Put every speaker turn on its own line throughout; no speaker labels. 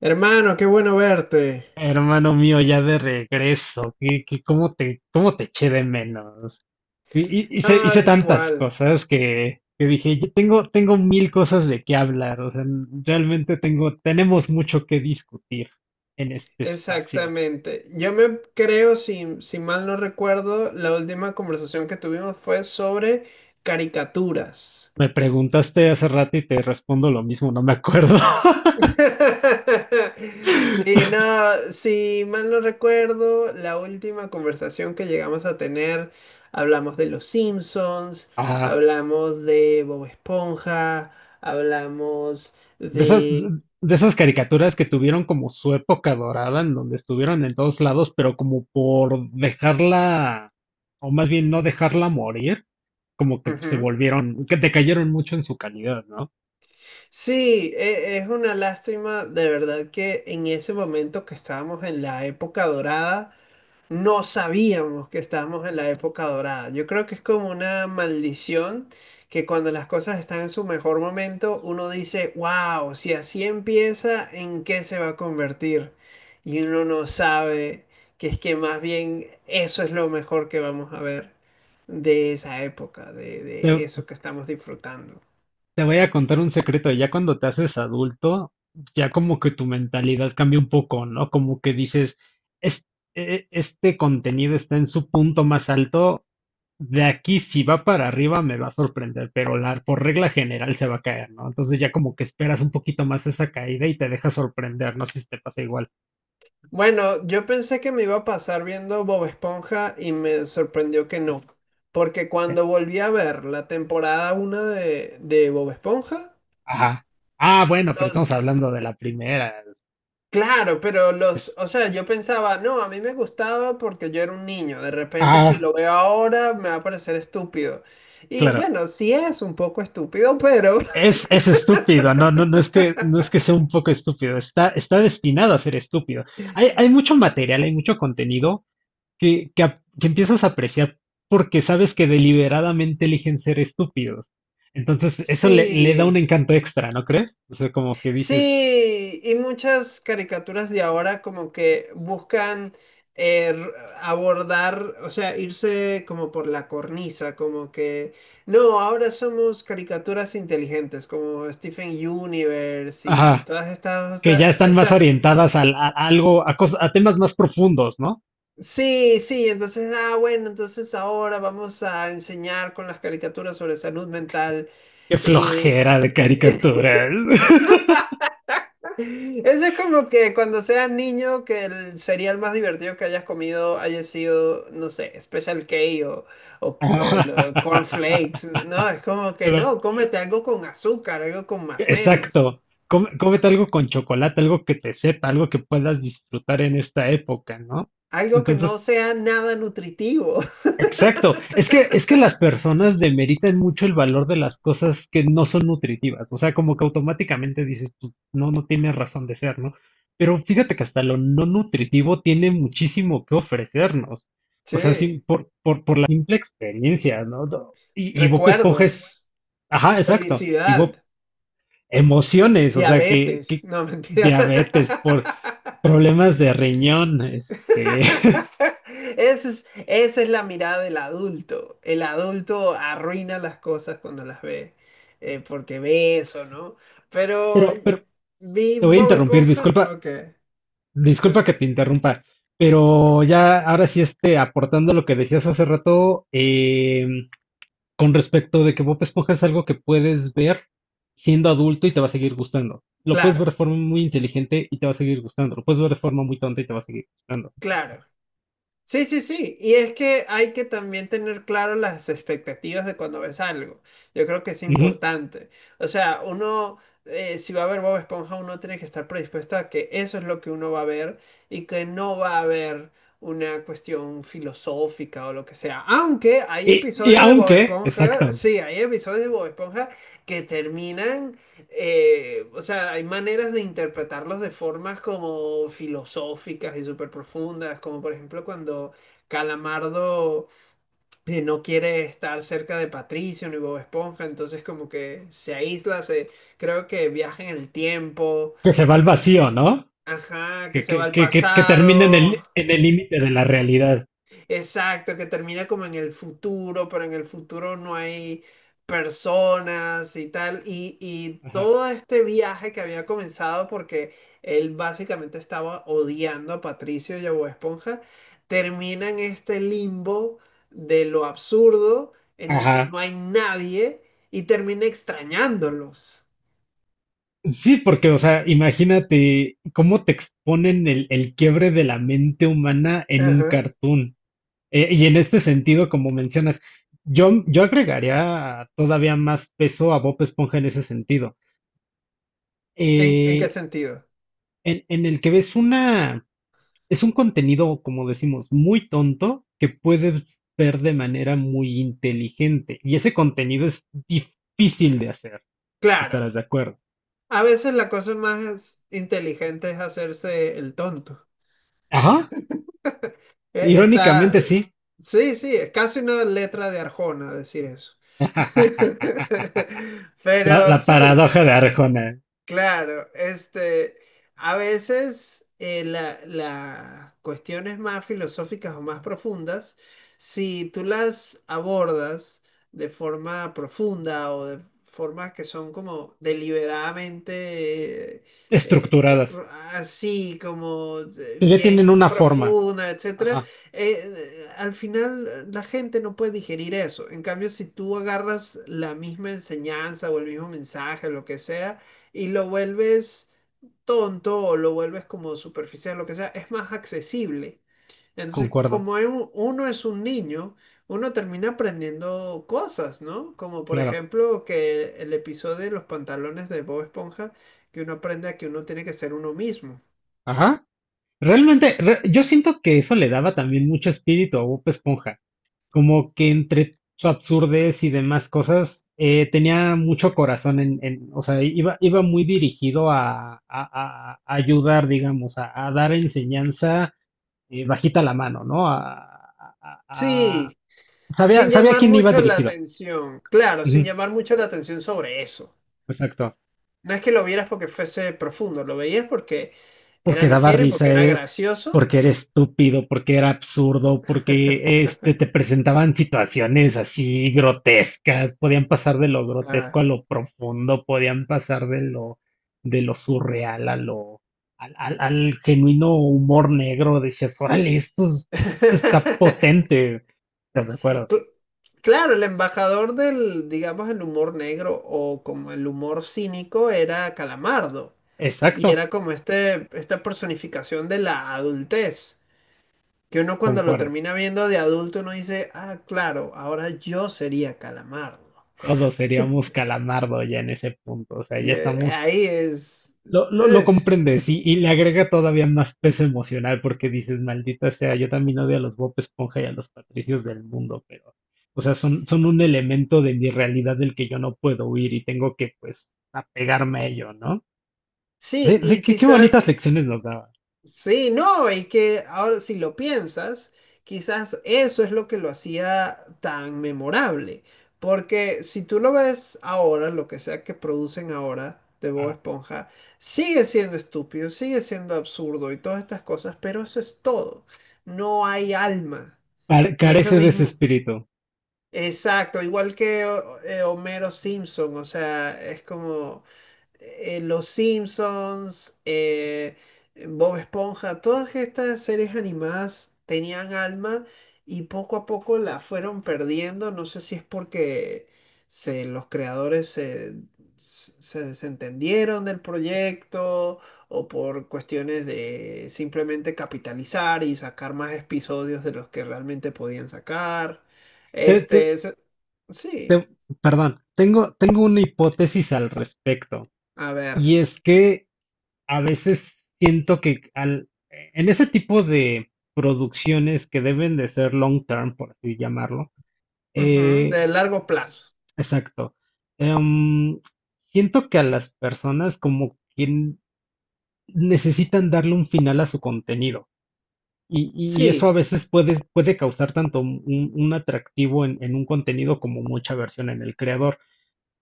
Hermano, qué bueno verte.
Hermano mío, ya de regreso, ¿ cómo cómo te eché de menos? Y,
No,
hice
yo
tantas
igual.
cosas que dije, "Yo tengo mil cosas de qué hablar, o sea, realmente tenemos mucho que discutir en este espacio.
Exactamente. Yo me creo, si mal no recuerdo, la última conversación que tuvimos fue sobre caricaturas.
Me preguntaste hace rato y te respondo lo mismo, no me acuerdo.
Sí, no, si mal no recuerdo, la última conversación que llegamos a tener, hablamos de los Simpsons,
Ajá.
hablamos de Bob Esponja, hablamos
De esas,
de...
de esas caricaturas que tuvieron como su época dorada, en donde estuvieron en todos lados, pero como por dejarla, o más bien no dejarla morir, como que se
Ujú.
volvieron, que decayeron mucho en su calidad, ¿no?
Sí, es una lástima de verdad que en ese momento que estábamos en la época dorada, no sabíamos que estábamos en la época dorada. Yo creo que es como una maldición que cuando las cosas están en su mejor momento, uno dice, wow, si así empieza, ¿en qué se va a convertir? Y uno no sabe que es que más bien eso es lo mejor que vamos a ver de esa época, de eso que estamos disfrutando.
Te voy a contar un secreto, ya cuando te haces adulto, ya como que tu mentalidad cambia un poco, ¿no? Como que dices, "Es- este contenido está en su punto más alto, de aquí si va para arriba me va a sorprender, pero la, por regla general se va a caer, ¿no? Entonces ya como que esperas un poquito más esa caída y te deja sorprender, no sé si te pasa igual.
Bueno, yo pensé que me iba a pasar viendo Bob Esponja y me sorprendió que no. Porque
Eh,
cuando volví a ver la temporada 1 de Bob Esponja,
Ajá. Ah, bueno, pero estamos
los...
hablando de la primera.
Claro, pero los...
es-
O sea, yo pensaba, no, a mí me gustaba porque yo era un niño. De repente si
ah,
lo veo ahora me va a parecer estúpido. Y
claro.
bueno, sí es un poco estúpido, pero
Es estúpido, no es no es que sea un poco estúpido, está destinado a ser estúpido. Hay mucho material, hay mucho contenido que empiezas a apreciar porque sabes que deliberadamente eligen ser estúpidos. Eso le da un
sí.
encanto extra, ¿no crees? O sea, como que dices,
Sí, y muchas caricaturas de ahora como que buscan eh, r- abordar, o sea, irse como por la cornisa, como que, no, ahora somos caricaturas inteligentes, como Stephen Universe y
ajá,
todas
que ya están más
estas,
orientadas a algo, cosas a temas más profundos, ¿no?
sí, sí, entonces, ah, bueno, entonces ahora vamos a enseñar con las caricaturas sobre salud mental.
Qué
Y
flojera de caricaturas.
eso es como que cuando seas niño, que el cereal más divertido que hayas comido haya sido, no sé, Special K o, o el cornflakes. No, es como que no, cómete algo con azúcar, algo con masmelos,
Exacto. Cómete algo con chocolate, algo que te sepa, algo que puedas disfrutar en esta época, ¿no?
algo que
Entonces,
no sea nada nutritivo.
exacto. Es que las personas demeritan mucho el valor de las cosas que no son nutritivas. O sea, como que automáticamente dices, pues no, no tiene razón de ser, ¿no? Pero fíjate que hasta lo no nutritivo tiene muchísimo que ofrecernos. O sea, sí,
Sí,
por la simple experiencia, ¿no? Y Bob Esponja es,
recuerdos,
ajá, exacto. Y Bob
felicidad,
emociones, o sea,
diabetes.
que
No, mentira.
diabetes, por problemas de riñón, este,
Esa es la mirada del adulto. El adulto arruina las cosas cuando las ve, porque ve eso, ¿no? Pero
pero
vi
te voy a
Bob
interrumpir,
Esponja,
disculpa,
ok, está
disculpa
bien.
que te interrumpa, pero ya ahora sí este, aportando lo que decías hace rato, con respecto de que Bob Esponja es algo que puedes ver siendo adulto y te va a seguir gustando. Lo puedes ver
Claro,
de forma muy inteligente y te va a seguir gustando. Lo puedes ver de forma muy tonta y te va a seguir gustando.
claro. Sí, sí, sí. Y es que hay que también tener claro las expectativas de cuando ves algo. Yo creo que es
Ujú.
importante. O sea, uno, si va a ver Bob Esponja, uno tiene que estar predispuesto a que eso es lo que uno va a ver y que no va a haber una cuestión filosófica o lo que sea. Aunque hay
Y
episodios de Bob
aunque,
Esponja,
exacto,
sí, hay episodios de Bob Esponja que terminan o sea, hay maneras de interpretarlos de formas como filosóficas y súper profundas, como por ejemplo cuando Calamardo no quiere estar cerca de Patricio ni Bob Esponja, entonces como que se aísla, se, creo que viaja en el tiempo,
que se va al vacío, ¿no?
ajá, que se va al
Que termina en
pasado,
en el límite de la realidad.
exacto, que termina como en el futuro, pero en el futuro no hay personas y tal. Y
Ajá.
todo este viaje que había comenzado porque él básicamente estaba odiando a Patricio y a Bob Esponja, termina en este limbo de lo absurdo en el que
Ajá.
no hay nadie y termina extrañándolos.
Sí, porque, o sea, imagínate cómo te exponen el quiebre de la mente humana en un
Ajá.
cartoon. Y en este sentido, como mencionas, yo agregaría todavía más peso a Bob Esponja en ese sentido.
En qué
Eh,
sentido?
en el que ves una, es un contenido, como decimos, muy tonto que puedes ver de manera muy inteligente. Y ese contenido es difícil de hacer.
Claro,
¿Estarás de acuerdo?
a veces la cosa más inteligente es hacerse el tonto.
Ajá.
Eh, Está,
Irónicamente, sí.
sí, sí, es casi una letra de Arjona decir eso. Pero
La
sí,
paradoja de Arjona.
claro, este, a veces las cuestiones más filosóficas o más profundas, si tú las abordas de forma profunda o de formas que son como deliberadamente
Estructuradas.
así, como
Que ya tienen
bien
una forma.
profunda, etcétera,
Ajá.
al final la gente no puede digerir eso. En cambio, si tú agarras la misma enseñanza o el mismo mensaje, lo que sea, y lo vuelves tonto o lo vuelves como superficial, lo que sea, es más accesible. Entonces,
Concuerdo.
como es uno es un niño, uno termina aprendiendo cosas, ¿no? Como por
Claro.
ejemplo que el episodio de los pantalones de Bob Esponja, que uno aprende a que uno tiene que ser uno mismo.
Ajá. Yo siento que eso le daba también mucho espíritu a Bob Esponja, como que entre su absurdez y demás cosas, tenía mucho corazón o sea, iba muy dirigido a ayudar, digamos, a dar enseñanza bajita la mano, ¿no? A-
Sí,
Sabía,
sin
sabía a
llamar
quién iba
mucho la
dirigido.
atención. Claro, sin
Ujú,
llamar mucho la atención sobre eso.
exacto.
No es que lo vieras porque fuese profundo, lo veías porque era
Porque daba
ligero y porque
risa,
era gracioso.
porque era estúpido, porque era absurdo, porque este, te presentaban situaciones así grotescas, podían pasar de lo
Ah.
grotesco a lo profundo, podían pasar de lo surreal a lo, al genuino humor negro, decías, órale, está potente. ¿Estás de acuerdo?
Cl- Claro, el embajador del, digamos, el humor negro o como el humor cínico era Calamardo. Y
Exacto,
era como este, esta personificación de la adultez. Que uno cuando lo
concuerdo.
termina viendo de adulto, uno dice, ah, claro, ahora yo sería Calamardo.
Todos seríamos calamardo ya en ese punto, o sea,
Y
ya estamos
ahí es...
Lo
Ugh.
comprendes y le agrega todavía más peso emocional porque dices, maldita sea, yo también odio a los Bob Esponja y a los Patricios del mundo, pero, o sea, son un elemento de mi realidad del que yo no puedo huir y tengo que, pues, apegarme a ello, ¿no?
Sí,
Ve
y
qué bonitas
quizás...
lecciones nos daba.
Sí, no, y que ahora si lo piensas, quizás eso es lo que lo hacía tan memorable, porque si tú lo ves ahora, lo que sea que producen ahora de Bob
Ah,
Esponja, sigue siendo estúpido, sigue siendo absurdo y todas estas cosas, pero eso es todo, no hay alma, y es lo
carece de ese
mismo.
espíritu.
Exacto, igual que Homero Simpson, o sea, es como Los Simpsons, Bob Esponja, todas estas series animadas tenían alma y poco a poco la fueron perdiendo. No sé si es porque se, los creadores se, se desentendieron del proyecto o por cuestiones de simplemente capitalizar y sacar más episodios de los que realmente podían sacar.
Te- te-
Este,
te-
sí,
Perdón, tengo una hipótesis al respecto,
a ver,
y es que a veces siento que al, en ese tipo de producciones que deben de ser long term, por así llamarlo,
ujú,
eh,
de largo plazo.
exacto, em, siento que a las personas como que necesitan darle un final a su contenido. Y, y eso a
Sí.
veces puede, puede causar tanto un atractivo en un contenido como mucha versión en el creador.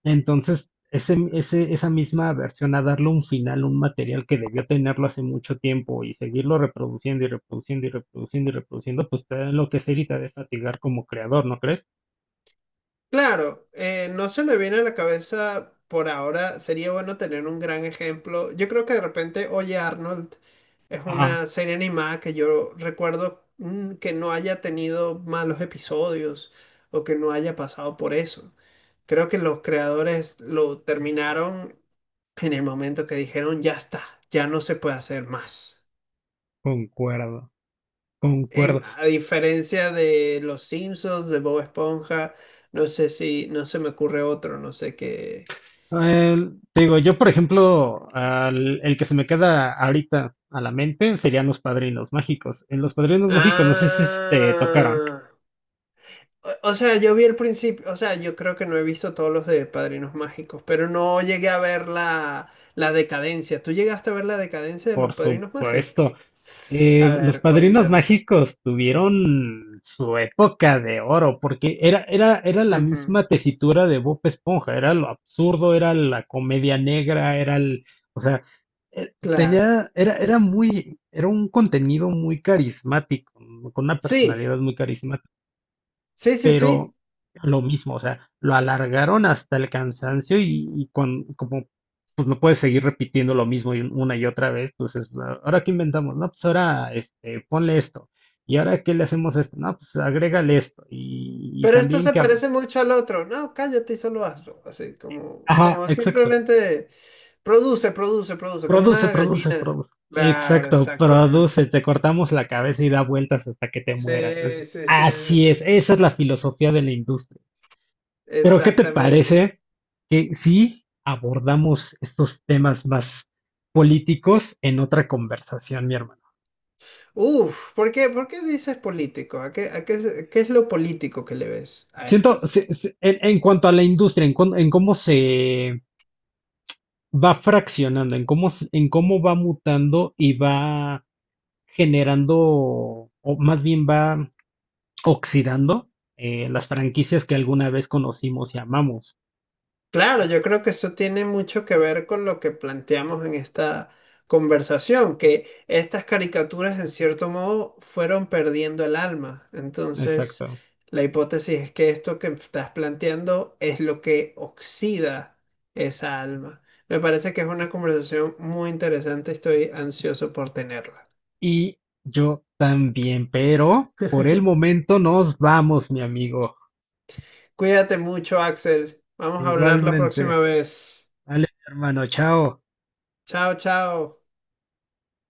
Entonces, esa misma versión a darle un final, un material que debió tenerlo hace mucho tiempo y seguirlo reproduciendo y reproduciendo y reproduciendo y reproduciendo, pues te da enloquecer y te de fatigar como creador, ¿no crees?
Claro, no se me viene a la cabeza por ahora. Sería bueno tener un gran ejemplo. Yo creo que de repente Oye Arnold es
Ah,
una serie animada que yo recuerdo que no haya tenido malos episodios o que no haya pasado por eso. Creo que los creadores lo terminaron en el momento que dijeron, ya está, ya no se puede hacer más.
concuerdo,
En,
concuerdo.
a diferencia de Los Simpsons, de Bob Esponja, no sé si, no se me ocurre otro, no sé qué.
Te digo, yo por ejemplo, el que se me queda ahorita a la mente serían Los Padrinos Mágicos. En Los Padrinos Mágicos no sé si te tocaron.
Ah, o sea, yo vi el principio, o sea, yo creo que no he visto todos los de Padrinos Mágicos, pero no llegué a ver la, la decadencia. ¿Tú llegaste a ver la decadencia de
Por
los Padrinos Mágicos?
supuesto.
A
Los
ver,
Padrinos
cuéntame.
Mágicos tuvieron su época de oro, porque era la
Ujú,
misma tesitura de Bob Esponja, era lo absurdo, era la comedia negra, era el, o sea,
claro.
era muy, era un contenido muy carismático, con una
Sí,
personalidad muy carismática.
sí, sí, sí.
Pero lo mismo, o sea, lo alargaron hasta el cansancio como pues no puedes seguir repitiendo lo mismo y una y otra vez, pues es, "Ah, ahora qué inventamos, no, pues ahora este, ponle esto, y ahora qué le hacemos a esto, no, pues agrégale esto, y
Pero esto
también
se
que...
parece mucho al otro. No, cállate y solo hazlo. Así, como,
Ajá,
como
exacto.
simplemente produce, produce, produce, como
Produce,
una
produce,
gallina.
produce.
Claro,
Exacto, produce,
exactamente.
te cortamos la cabeza y da vueltas hasta que te mueras. Es-
Sí, sí, sí, sí.
Así es,
Sí.
esa es la filosofía de la industria. Pero, ¿qué te
Exactamente.
parece que si abordamos estos temas más políticos en otra conversación, mi hermano?
Uf, por qué dices político? A qué, qué es lo político que le ves a esto?
En cuanto a la industria, en cómo se va fraccionando, en cómo, en cómo va mutando y va generando, o más bien va oxidando las franquicias que alguna vez conocimos y amamos.
Claro, yo creo que eso tiene mucho que ver con lo que planteamos en esta conversación, que estas caricaturas en cierto modo fueron perdiendo el alma. Entonces,
Exacto.
la hipótesis es que esto que estás planteando es lo que oxida esa alma. Me parece que es una conversación muy interesante, estoy ansioso por tenerla.
Y yo también, pero por el momento nos vamos, mi amigo.
Cuídate mucho, Axel. Vamos a hablar la próxima
Igualmente.
vez.
Vale, hermano. Chao.
Chao, chao.